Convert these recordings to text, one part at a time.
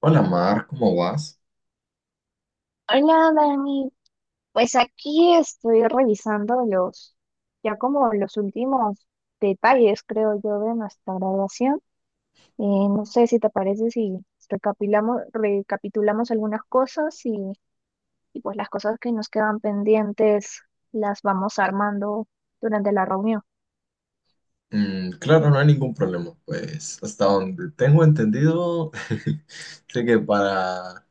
Hola Mar, ¿cómo vas? Hola, Dani. Pues aquí estoy revisando ya como los últimos detalles, creo yo, de nuestra graduación. Eh, no sé si te parece si recapitulamos algunas cosas y pues las cosas que nos quedan pendientes las vamos armando durante la reunión. Mm, claro, no hay ningún problema, pues hasta donde tengo entendido, sé que para,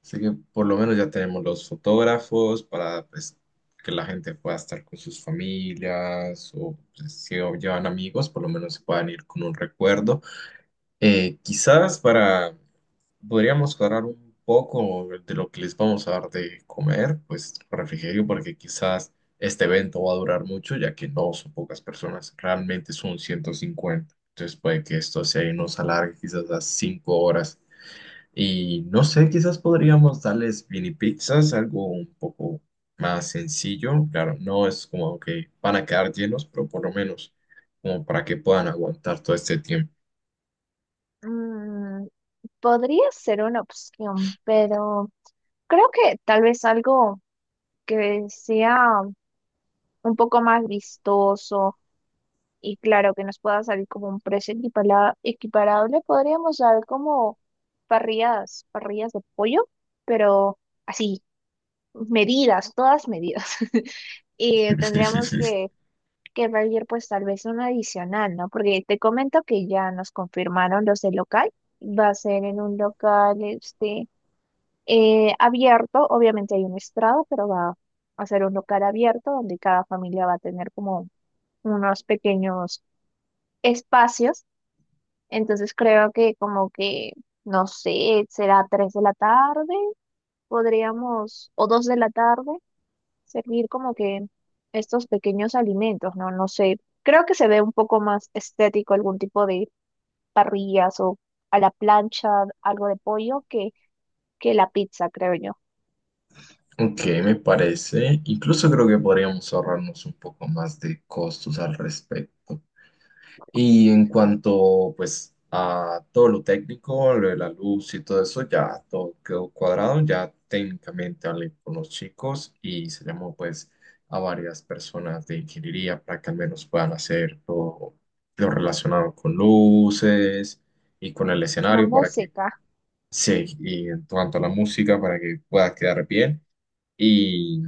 sé que por lo menos ya tenemos los fotógrafos para pues, que la gente pueda estar con sus familias o pues, si o llevan amigos, por lo menos se puedan ir con un recuerdo. Quizás podríamos cuadrar un poco de lo que les vamos a dar de comer, pues refrigerio, porque quizás este evento va a durar mucho, ya que no son pocas personas, realmente son 150. Entonces puede que esto se nos alargue quizás a 5 horas. Y no sé, quizás podríamos darles mini pizzas, algo un poco más sencillo. Claro, no es como que van a quedar llenos, pero por lo menos como para que puedan aguantar todo este tiempo. Mm, Podría ser una opción, pero creo que tal vez algo que sea un poco más vistoso y claro, que nos pueda salir como un precio equiparable, podríamos dar como parrillas, parrillas de pollo, pero así, medidas, todas medidas. Y tendríamos que pedir pues tal vez un adicional, ¿no? Porque te comento que ya nos confirmaron los del local, va a ser en un local este, abierto, obviamente hay un estrado, pero va a ser un local abierto donde cada familia va a tener como unos pequeños espacios. Entonces creo que como que, no sé, será 3 de la tarde, podríamos, o 2 de la tarde, servir como que estos pequeños alimentos, ¿no? No sé, creo que se ve un poco más estético algún tipo de parrillas o a la plancha, algo de pollo, que la pizza, creo yo. Ok, me parece. Incluso creo que podríamos ahorrarnos un poco más de costos al respecto. Y en cuanto, pues, a todo lo técnico, lo de la luz y todo eso, ya todo quedó cuadrado. Ya técnicamente hablé con los chicos y se llamó, pues, a varias personas de ingeniería para que al menos puedan hacer todo lo relacionado con luces y con el La escenario para que, música. sí, y en cuanto a la música, para que pueda quedar bien. Y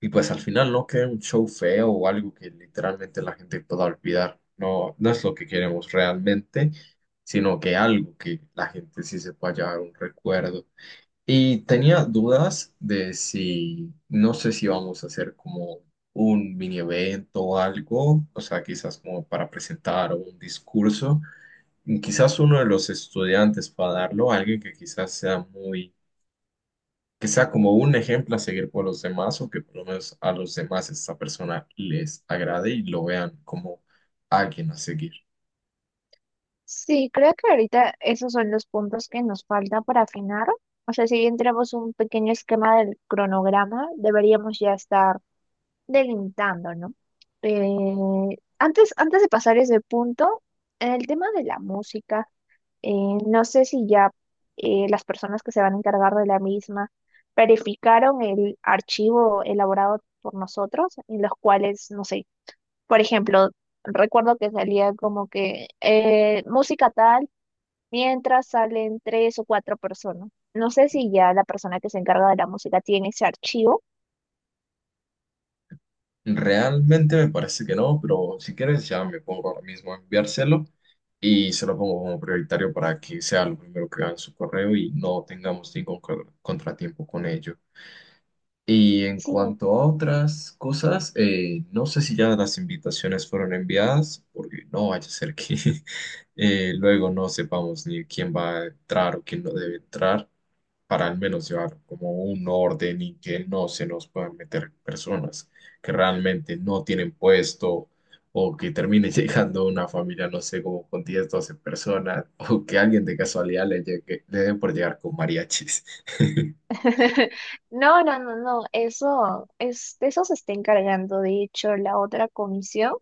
y pues al final no queda un show feo o algo que literalmente la gente pueda olvidar. No, no es lo que queremos realmente, sino que algo que la gente sí se pueda llevar un recuerdo. Y tenía dudas de si, no sé si vamos a hacer como un mini evento o algo, o sea, quizás como para presentar un discurso. Y quizás uno de los estudiantes para darlo, alguien que quizás sea muy que sea como un ejemplo a seguir por los demás o que por lo menos a los demás esta persona les agrade y lo vean como alguien a seguir. Sí, creo que ahorita esos son los puntos que nos falta para afinar. O sea, si bien tenemos un pequeño esquema del cronograma, deberíamos ya estar delimitando, ¿no? Antes de pasar ese punto, en el tema de la música, eh, no sé si ya las personas que se van a encargar de la misma verificaron el archivo elaborado por nosotros, en los cuales, no sé, por ejemplo, recuerdo que salía como que música tal mientras salen tres o cuatro personas. No sé si ya la persona que se encarga de la música tiene ese archivo. Realmente me parece que no, pero si quieres ya me pongo ahora mismo a enviárselo y se lo pongo como prioritario para que sea lo primero que vean en su correo y no tengamos ningún contratiempo con ello. Y en Sí. cuanto a otras cosas, no sé si ya las invitaciones fueron enviadas, porque no vaya a ser que luego no sepamos ni quién va a entrar o quién no debe entrar, para al menos llevar como un orden y que no se nos puedan meter personas que realmente no tienen puesto o que termine llegando una familia, no sé, como con 10 12 personas, o que alguien de casualidad le llegue, le dé por llegar con mariachis. No, no, no, no, de eso se está encargando, de hecho, la otra comisión.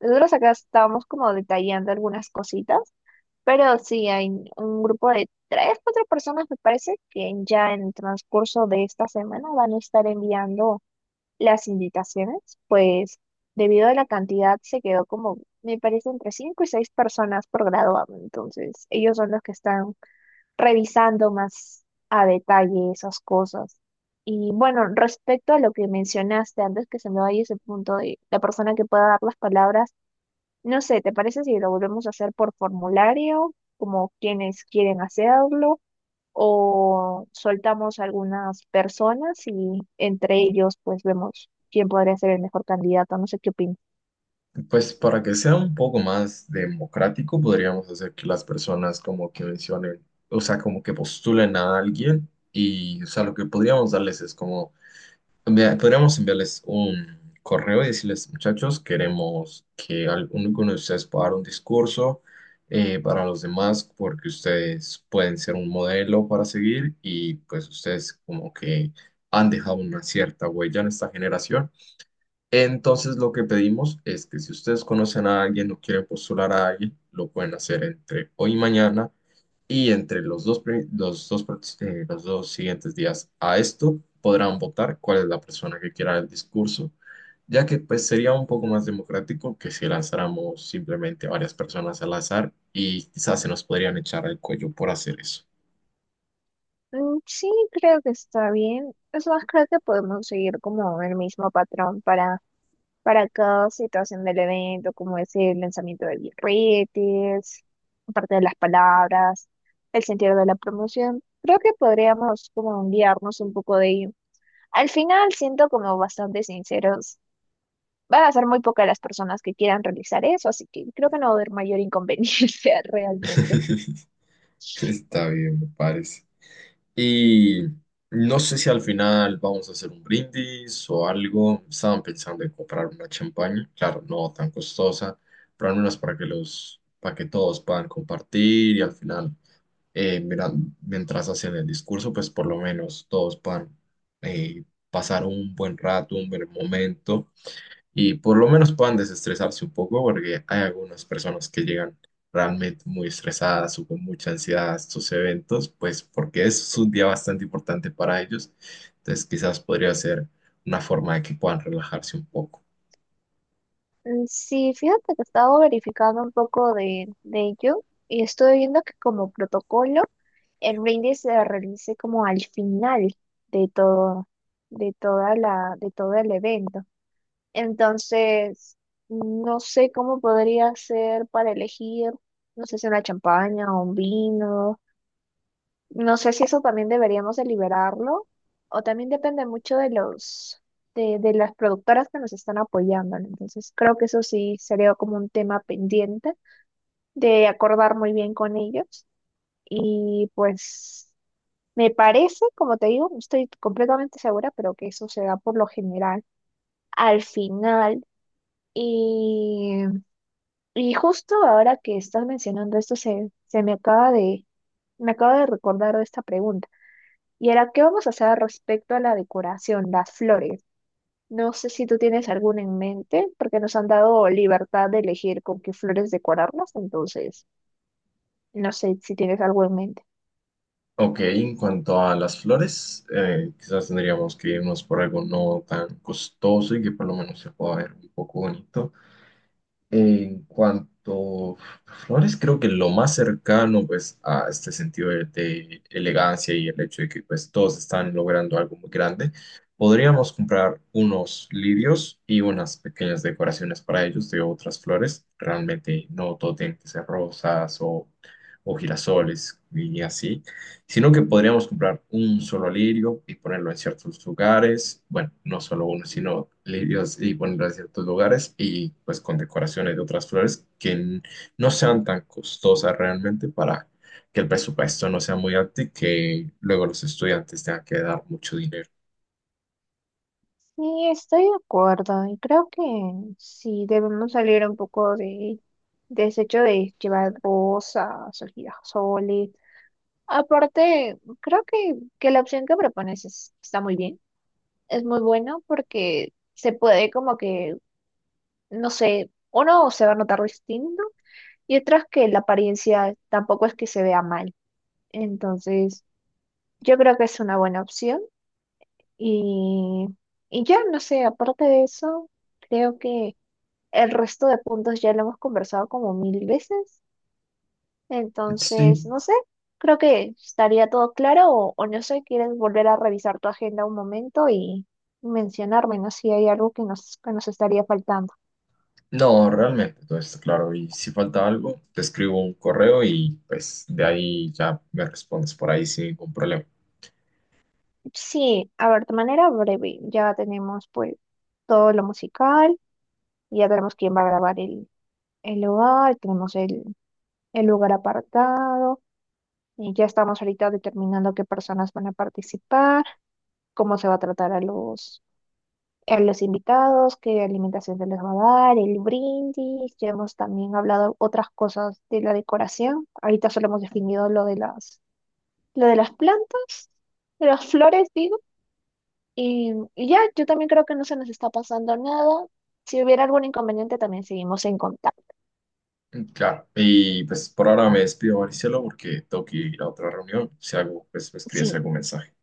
Nosotros acá estamos como detallando algunas cositas, pero sí, hay un grupo de tres, cuatro personas, me parece, que ya en el transcurso de esta semana van a estar enviando las invitaciones, pues debido a la cantidad se quedó como, me parece, entre 5 y 6 personas por graduado. Entonces, ellos son los que están revisando más a detalle esas cosas. Y bueno, respecto a lo que mencionaste antes que se me vaya ese punto de la persona que pueda dar las palabras, no sé, ¿te parece si lo volvemos a hacer por formulario, como quienes quieren hacerlo, o soltamos algunas personas y entre ellos pues vemos quién podría ser el mejor candidato? No sé qué opinas. Pues para que sea un poco más democrático, podríamos hacer que las personas como que mencionen, o sea, como que postulen a alguien y, o sea, lo que podríamos darles es como, podríamos enviarles un correo y decirles, muchachos, queremos que alguno de ustedes pueda dar un discurso, para los demás, porque ustedes pueden ser un modelo para seguir y pues ustedes como que han dejado una cierta huella en esta generación. Entonces, lo que pedimos es que si ustedes conocen a alguien o quieren postular a alguien, lo pueden hacer entre hoy y mañana y entre los dos, pri- los dos, prox- los dos siguientes días a esto podrán votar cuál es la persona que quiera el discurso, ya que pues sería un poco más democrático que si lanzáramos simplemente varias personas al azar y quizás se nos podrían echar al cuello por hacer eso. Mm, sí, creo que está bien. Es más, creo que podemos seguir como el mismo patrón para cada situación del evento, como es el lanzamiento de birretes, parte de las palabras, el sentido de la promoción. Creo que podríamos como guiarnos un poco de ello. Al final siento como bastante sinceros van a ser muy pocas las personas que quieran realizar eso, así que creo que no va a haber mayor inconveniencia realmente. Está bien, me parece. Y no sé si al final vamos a hacer un brindis o algo. Estaban pensando en comprar una champaña, claro, no tan costosa, pero al menos para que los, para que todos puedan compartir y al final, mira, mientras hacen el discurso, pues por lo menos todos puedan eh, pasar un buen rato, un buen momento y por lo menos puedan desestresarse un poco, porque hay algunas personas que llegan realmente muy estresadas o con mucha ansiedad a estos eventos, pues porque es un día bastante importante para ellos. Entonces, quizás podría ser una forma de que puedan relajarse un poco. Mm, sí, fíjate que he estado verificando un poco de ello y estoy viendo que como protocolo el brindis se realice como al final de todo, de de todo el evento. Entonces, no sé cómo podría ser para elegir, no sé si una champaña o un vino. No sé si eso también deberíamos de liberarlo o también depende mucho de los de las productoras que nos están apoyando, ¿no? Entonces, creo que eso sí sería como un tema pendiente de acordar muy bien con ellos y pues me parece, como te digo, no estoy completamente segura, pero que eso se da por lo general al final y, y justo ahora que estás mencionando esto se me acaba de recordar de esta pregunta. ¿Y ahora qué vamos a hacer respecto a la decoración, las flores? No sé si tú tienes alguna en mente, porque nos han dado libertad de elegir con qué flores decorarlas, entonces no sé si tienes algo en mente. Ok, en cuanto a las flores, quizás tendríamos que irnos por algo no tan costoso y que por lo menos se pueda ver un poco bonito. En cuanto a flores, creo que lo más cercano pues a este sentido de elegancia y el hecho de que pues todos están logrando algo muy grande, podríamos comprar unos lirios y unas pequeñas decoraciones para ellos de otras flores. Realmente no todo tiene que ser rosas o girasoles y así, sino que podríamos comprar un solo lirio y ponerlo en ciertos lugares, bueno, no solo uno, sino lirios y ponerlo en ciertos lugares y pues con decoraciones de otras flores que no sean tan costosas realmente, para que el presupuesto no sea muy alto y que luego los estudiantes tengan que dar mucho dinero. Sí, estoy de acuerdo y creo que sí debemos salir un poco de ese hecho de llevar rosas o girasoles. Aparte, creo que la opción que propones está muy bien, es muy bueno porque se puede como que no sé, uno se va a notar distinto y otras que la apariencia tampoco es que se vea mal. Entonces, yo creo que es una buena opción y, y ya, no sé, aparte de eso, creo que el resto de puntos ya lo hemos conversado como mil veces. Entonces, Sí, no sé, creo que estaría todo claro o no sé, quieres volver a revisar tu agenda un momento y mencionarme, ¿no? Si hay algo que nos estaría faltando. no, realmente todo está claro y si falta algo, te escribo un correo y pues de ahí ya me respondes por ahí sin ningún problema. Sí, a ver, de manera breve, ya tenemos pues todo lo musical, ya tenemos quién va a grabar el lugar, tenemos el lugar apartado, y ya estamos ahorita determinando qué personas van a participar, cómo se va a tratar a los invitados, qué alimentación se les va a dar, el brindis, ya hemos también hablado otras cosas de la decoración, ahorita solo hemos definido lo de las plantas, de las flores, sí. Y ya, yo también creo que no se nos está pasando nada. Si hubiera algún inconveniente, también seguimos en contacto. Claro, y pues por ahora me despido, Maricelo, porque tengo que ir a otra reunión. Si algo, pues me escribes Sí. algún mensaje.